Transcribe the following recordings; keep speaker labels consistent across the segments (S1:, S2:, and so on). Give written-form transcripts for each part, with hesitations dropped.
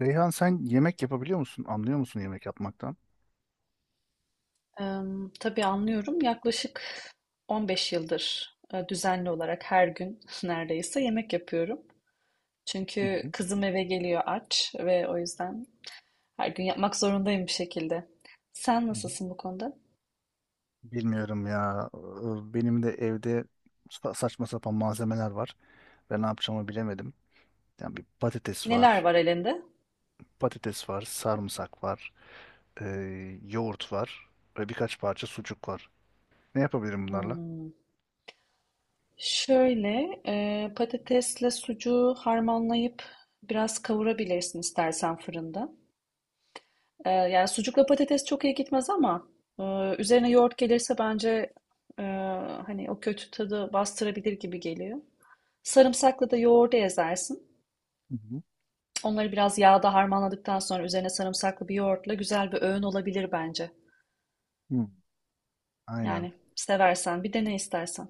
S1: Reyhan, sen yemek yapabiliyor musun? Anlıyor musun yemek yapmaktan?
S2: Tabii anlıyorum. Yaklaşık 15 yıldır düzenli olarak her gün neredeyse yemek yapıyorum.
S1: Hı
S2: Çünkü
S1: hı,
S2: kızım eve geliyor aç ve o yüzden her gün yapmak zorundayım bir şekilde. Sen
S1: hı hı.
S2: nasılsın bu konuda?
S1: Bilmiyorum ya. Benim de evde saçma sapan malzemeler var. Ben ne yapacağımı bilemedim. Yani bir patates
S2: Neler
S1: var,
S2: var elinde?
S1: sarımsak var, yoğurt var ve birkaç parça sucuk var. Ne yapabilirim bunlarla?
S2: Hmm. Şöyle patatesle sucuğu harmanlayıp biraz kavurabilirsin istersen fırında. Yani sucukla patates çok iyi gitmez ama e, üzerine yoğurt gelirse bence e, hani o kötü tadı bastırabilir gibi geliyor. Sarımsakla da yoğurdu ezersin.
S1: Hı hı.
S2: Onları biraz yağda harmanladıktan sonra üzerine sarımsaklı bir yoğurtla güzel bir öğün olabilir bence.
S1: Hı. Aynen
S2: Yani seversen bir dene istersen.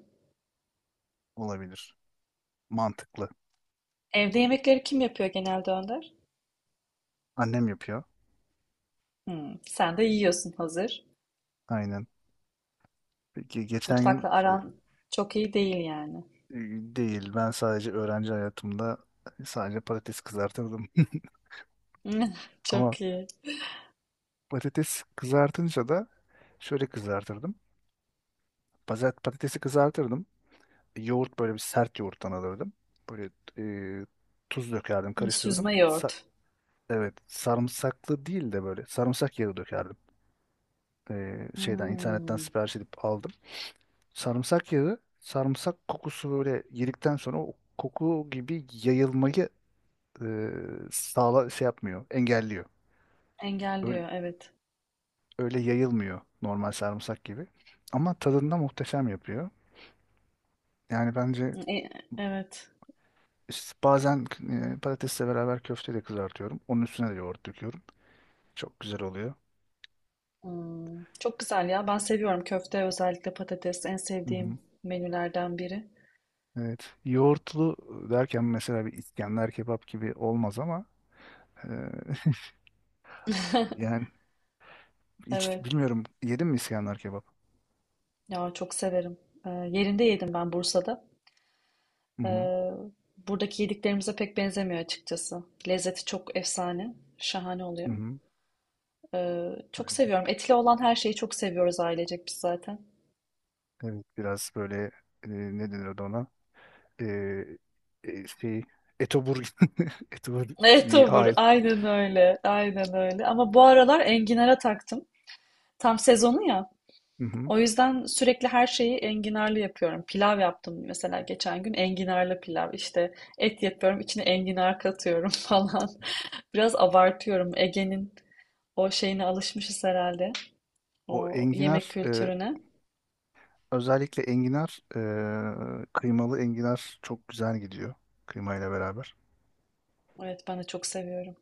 S1: olabilir. Mantıklı.
S2: Evde yemekleri kim yapıyor genelde Önder?
S1: Annem yapıyor.
S2: Hmm, sen de yiyorsun hazır.
S1: Aynen. Peki geçen gün
S2: Mutfakla aran çok iyi değil yani.
S1: Değil. Ben sadece öğrenci hayatımda sadece patates kızartırdım. Ama
S2: Çok iyi.
S1: patates kızartınca da şöyle kızartırdım. Pazart patatesi kızartırdım. Yoğurt böyle bir sert yoğurttan alırdım. Böyle e, tuz dökerdim,
S2: Hmm,
S1: karıştırdım.
S2: süzme yoğurt.
S1: Evet, sarımsaklı değil de böyle sarımsak yağı dökerdim. E, şeyden internetten
S2: Hmm,
S1: sipariş edip aldım. Sarımsak yağı, sarımsak kokusu böyle yedikten sonra o koku gibi yayılmayı e, sağla şey yapmıyor, engelliyor. Öyle,
S2: engelliyor, evet.
S1: öyle yayılmıyor normal sarımsak gibi. Ama tadında muhteşem yapıyor. Yani bence
S2: E, evet.
S1: işte bazen patatesle beraber köfte de kızartıyorum. Onun üstüne de yoğurt döküyorum. Çok güzel oluyor.
S2: Hmm, çok güzel ya. Ben seviyorum köfte özellikle patates en
S1: Hı hı.
S2: sevdiğim menülerden biri.
S1: Evet. Yoğurtlu derken mesela bir İskender kebap gibi olmaz ama e, yani hiç
S2: Evet.
S1: bilmiyorum, yedin mi İskender kebap?
S2: Ya çok severim. Yerinde yedim ben Bursa'da.
S1: Hı hı.
S2: Ee, Buradaki yediklerimize pek benzemiyor açıkçası. Lezzeti çok efsane. Şahane
S1: Hı
S2: oluyor.
S1: hı.
S2: Çok
S1: Aynen.
S2: seviyorum. Etli olan her şeyi çok seviyoruz ailecek biz zaten.
S1: Evet, biraz böyle ne denir ona? E, e, şey Etobur. Etobur
S2: Evet,
S1: bir
S2: olur.
S1: hal.
S2: Aynen öyle. Aynen öyle. Ama bu aralar enginara taktım. Tam sezonu ya.
S1: Hı hı.
S2: O yüzden sürekli her şeyi enginarlı yapıyorum. Pilav yaptım mesela geçen gün enginarlı pilav. İşte et yapıyorum, içine enginar katıyorum falan. Biraz abartıyorum. Ege'nin o şeyine alışmışız herhalde.
S1: O
S2: O
S1: enginar
S2: yemek kültürüne.
S1: özellikle enginar kıymalı enginar çok güzel gidiyor kıymayla beraber.
S2: Evet, ben de çok seviyorum.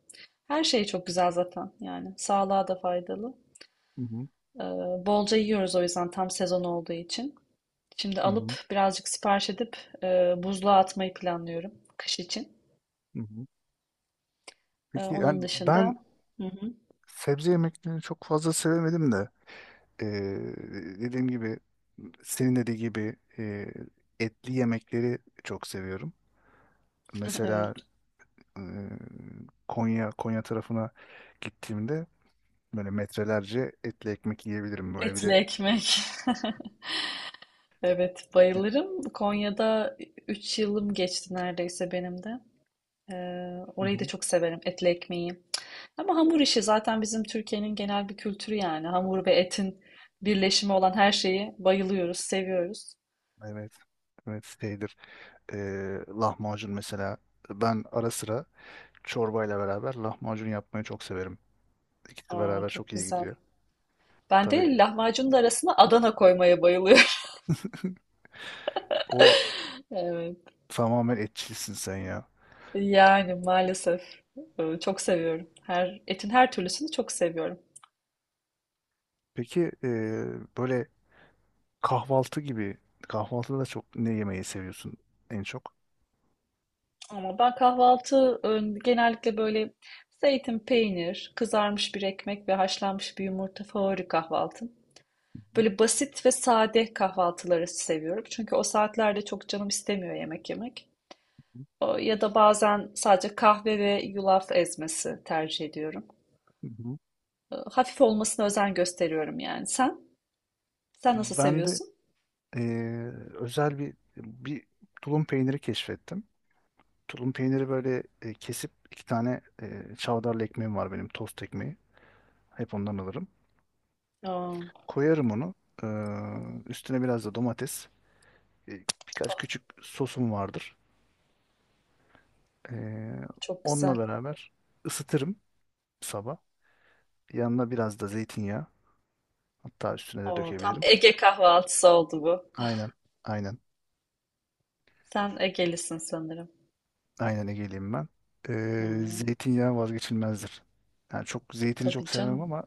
S2: Her şey çok güzel zaten yani. Sağlığa da faydalı.
S1: Hı hı,
S2: Ee, Bolca yiyoruz o yüzden tam sezon olduğu için. Şimdi
S1: hı
S2: alıp
S1: hı,
S2: birazcık sipariş edip buzluğa atmayı planlıyorum kış için.
S1: hı hı. Peki, yani
S2: Onun
S1: ben
S2: dışında... Hı hı,
S1: sebze yemeklerini çok fazla sevemedim de e, dediğim gibi, senin dediği gibi, etli yemekleri çok seviyorum. Mesela
S2: evet.
S1: e, Konya tarafına gittiğimde böyle metrelerce etli ekmek yiyebilirim, böyle bir
S2: Etli
S1: de.
S2: ekmek. Evet, bayılırım. Konya'da 3 yılım geçti neredeyse benim de. Ee,
S1: Hı
S2: Orayı da
S1: hı.
S2: çok severim, etli ekmeği. Ama hamur işi zaten bizim Türkiye'nin genel bir kültürü yani. Hamur ve etin birleşimi olan her şeyi bayılıyoruz, seviyoruz.
S1: Evet. Evet, şeydir. Lahmacun mesela. Ben ara sıra çorbayla beraber lahmacun yapmayı çok severim. İkisi
S2: Aa,
S1: beraber
S2: çok
S1: çok iyi
S2: güzel.
S1: gidiyor.
S2: Ben
S1: Tabii
S2: de lahmacunun da arasına Adana koymaya bayılıyorum.
S1: o,
S2: Evet.
S1: tamamen etçilsin sen ya.
S2: Yani maalesef. Çok seviyorum. Her, etin her türlüsünü çok seviyorum.
S1: Peki, böyle kahvaltı gibi, kahvaltıda da çok ne yemeyi seviyorsun en çok?
S2: Ama ben kahvaltı genellikle böyle zeytin, peynir, kızarmış bir ekmek ve haşlanmış bir yumurta favori kahvaltım. Böyle basit ve sade kahvaltıları seviyorum. Çünkü o saatlerde çok canım istemiyor yemek yemek.
S1: Hı
S2: Ya da bazen sadece kahve ve yulaf ezmesi tercih ediyorum.
S1: hı.
S2: Hafif olmasına özen gösteriyorum yani. Sen? Sen nasıl
S1: Ben de
S2: seviyorsun?
S1: eee, özel bir tulum peyniri keşfettim. Tulum peyniri böyle kesip, iki tane çavdarlı ekmeğim var benim, tost ekmeği. Hep ondan alırım.
S2: Aa,
S1: Koyarım onu. Üstüne biraz da domates. E, birkaç küçük sosum vardır. Eee,
S2: çok
S1: Onunla
S2: güzel.
S1: beraber ısıtırım sabah. Yanına biraz da zeytinyağı. Hatta üstüne de
S2: Oo, tam
S1: dökebilirim.
S2: Ege kahvaltısı oldu bu.
S1: Aynen. Aynen.
S2: Sen Egelisin sanırım.
S1: Aynen Ege'liyim ben.
S2: Hmm,
S1: Zeytinyağı vazgeçilmezdir. Yani çok, zeytini çok
S2: tabii
S1: sevmem
S2: canım.
S1: ama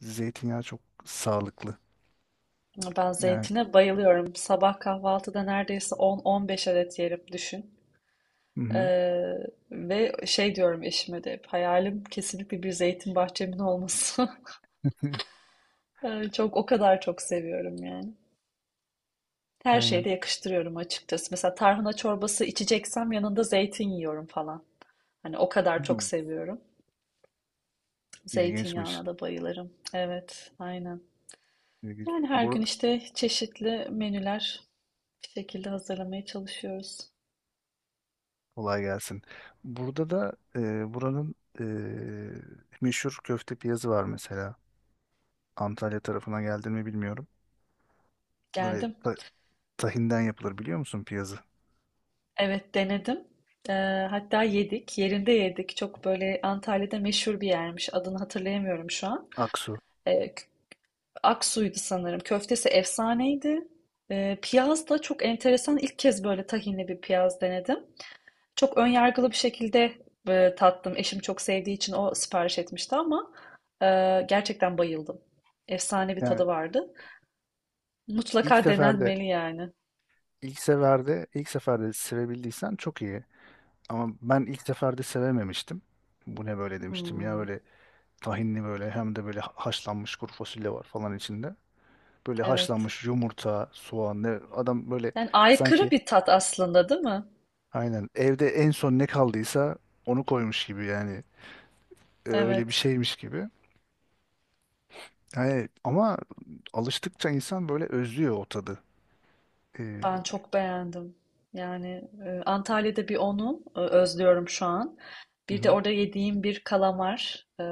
S1: zeytinyağı çok sağlıklı.
S2: Ben
S1: Yani
S2: zeytine bayılıyorum. Sabah kahvaltıda neredeyse 10-15 adet yerim düşün.
S1: hı hı,
S2: Ee, Ve şey diyorum eşime de hep, hayalim kesinlikle bir zeytin bahçemin olması. Çok o kadar çok seviyorum yani. Her
S1: aynen.
S2: şeyde yakıştırıyorum açıkçası. Mesela tarhana çorbası içeceksem yanında zeytin yiyorum falan. Hani o kadar çok
S1: Hmm,
S2: seviyorum.
S1: İlginçmiş.
S2: Zeytinyağına da bayılırım. Evet, aynen.
S1: İlginç.
S2: Yani her gün işte çeşitli menüler bir şekilde hazırlamaya çalışıyoruz.
S1: Kolay gelsin. Burada da buranın e, meşhur köfte piyazı var mesela. Antalya tarafına geldi mi bilmiyorum. Böyle
S2: Geldim.
S1: ta- Tahinden yapılır, biliyor musun piyazı?
S2: Evet, denedim. Hatta yedik. Yerinde yedik. Çok böyle Antalya'da meşhur bir yermiş. Adını hatırlayamıyorum şu an.
S1: Aksu.
S2: Eee, K- Aksu'ydu sanırım. Köftesi efsaneydi. Piyaz da çok enteresan. İlk kez böyle tahinli bir piyaz denedim. Çok önyargılı bir şekilde tattım. Eşim çok sevdiği için o sipariş etmişti ama gerçekten bayıldım. Efsane bir
S1: Yani
S2: tadı vardı.
S1: ilk
S2: Mutlaka
S1: seferde,
S2: denenmeli yani.
S1: ilk seferde sevebildiysen çok iyi. Ama ben ilk seferde sevememiştim. Bu ne böyle demiştim ya,
S2: Hmm,
S1: böyle tahinli, böyle hem de böyle haşlanmış kuru fasulye var falan içinde. Böyle
S2: evet.
S1: haşlanmış yumurta, soğan, ne adam böyle,
S2: Yani aykırı
S1: sanki
S2: bir tat aslında, değil mi?
S1: aynen evde en son ne kaldıysa onu koymuş gibi yani. Öyle bir
S2: Evet.
S1: şeymiş gibi. Yani ama alıştıkça insan böyle özlüyor o tadı. Ee,
S2: Ben çok beğendim. Yani Antalya'da bir onu özlüyorum şu an.
S1: hı
S2: Bir de
S1: hı,
S2: orada yediğim bir kalamar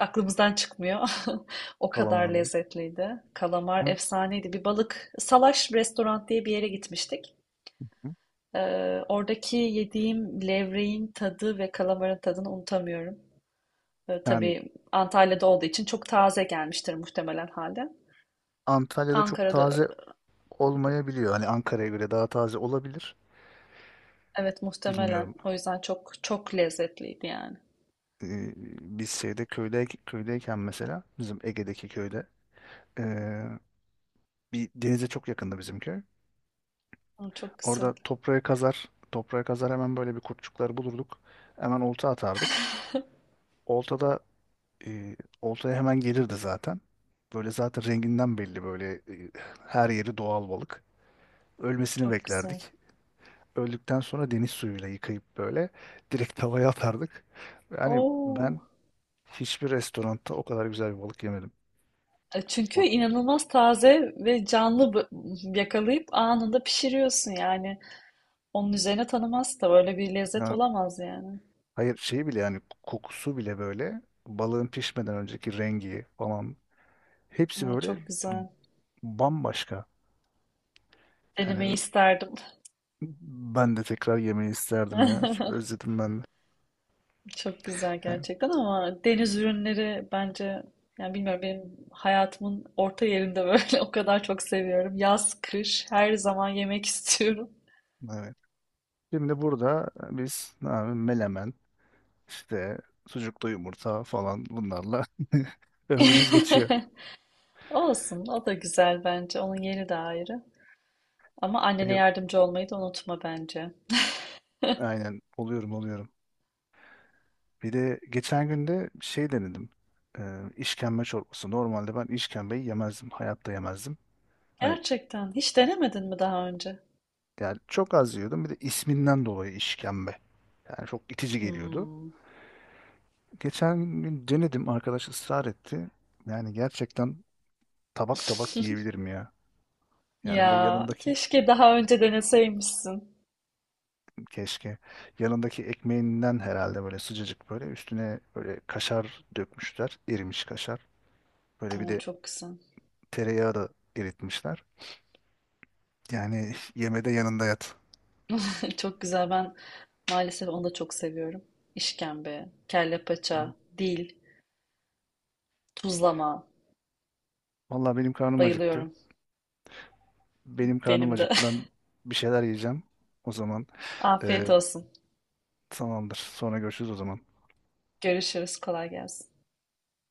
S2: aklımızdan çıkmıyor. O kadar
S1: kalamar mı?
S2: lezzetliydi. Kalamar
S1: Ben-
S2: efsaneydi. Bir balık salaş restoran diye bir yere gitmiştik.
S1: hı.
S2: E, Oradaki yediğim levreğin tadı ve kalamarın tadını unutamıyorum.
S1: Yani
S2: Tabii Antalya'da olduğu için çok taze gelmiştir muhtemelen halde.
S1: Antalya'da çok
S2: Ankara'da
S1: taze olmayabiliyor. Hani Ankara'ya göre daha taze olabilir.
S2: evet muhtemelen.
S1: Bilmiyorum.
S2: O yüzden çok çok lezzetliydi yani.
S1: Ee, biz şeyde köyde köydeyken mesela bizim Ege'deki köyde ee, bir denize çok yakında bizim köy.
S2: Aa, çok güzel,
S1: Orada toprağı kazar, toprağı kazar, hemen böyle bir kurtçukları bulurduk. Hemen olta atardık. Oltada e, oltaya hemen gelirdi zaten. Böyle zaten renginden belli böyle, her yeri doğal balık. Ölmesini
S2: çok güzel.
S1: beklerdik. Öldükten sonra deniz suyuyla yıkayıp böyle direkt tavaya atardık. Yani
S2: Oo.
S1: ben hiçbir restoranda o kadar güzel bir balık yemedim.
S2: Çünkü
S1: O,
S2: inanılmaz taze ve canlı, yakalayıp anında pişiriyorsun yani. Onun üzerine tanımaz da böyle bir lezzet
S1: yani
S2: olamaz yani.
S1: hayır, şeyi bile yani kokusu bile böyle, balığın pişmeden önceki rengi falan, hepsi
S2: Aa,
S1: böyle
S2: çok güzel.
S1: bambaşka.
S2: Denemeyi
S1: Yani
S2: isterdim.
S1: ben de tekrar yemeyi isterdim ya. Özledim ben de.
S2: Çok güzel
S1: Yani
S2: gerçekten ama deniz ürünleri bence yani bilmiyorum benim hayatımın orta yerinde böyle o kadar çok seviyorum. Yaz, kış her zaman yemek istiyorum.
S1: evet. Şimdi burada biz ne abi, melemen işte, sucuklu yumurta falan, bunlarla ömrümüz geçiyor.
S2: Olsun, o da güzel bence. Onun yeri de ayrı. Ama annene
S1: E,
S2: yardımcı olmayı da unutma bence.
S1: aynen, oluyorum oluyorum. Bir de geçen gün de şey denedim. E, işkembe çorbası. Normalde ben işkembeyi yemezdim. Hayatta yemezdim. Hani
S2: Gerçekten hiç denemedin mi daha önce?
S1: yani çok az yiyordum. Bir de isminden dolayı işkembe. Yani çok itici geliyordu.
S2: Hmm.
S1: Geçen gün denedim. Arkadaş ısrar etti. Yani gerçekten tabak tabak yiyebilirim ya. Yani bir de
S2: Ya
S1: yanındaki,
S2: keşke daha önce deneseymişsin.
S1: keşke, yanındaki ekmeğinden herhalde, böyle sıcacık, böyle üstüne böyle kaşar dökmüşler. Erimiş kaşar. Böyle bir
S2: Oo,
S1: de
S2: çok güzel.
S1: tereyağı da eritmişler. Yani yemede yanında yat.
S2: Çok güzel. Ben maalesef onu da çok seviyorum. İşkembe, kelle paça, dil, tuzlama.
S1: Vallahi benim karnım acıktı.
S2: Bayılıyorum.
S1: Benim karnım
S2: Benim de.
S1: acıktı. Ben bir şeyler yiyeceğim. O zaman e,
S2: Afiyet olsun.
S1: tamamdır. Sonra görüşürüz o zaman.
S2: Görüşürüz. Kolay gelsin.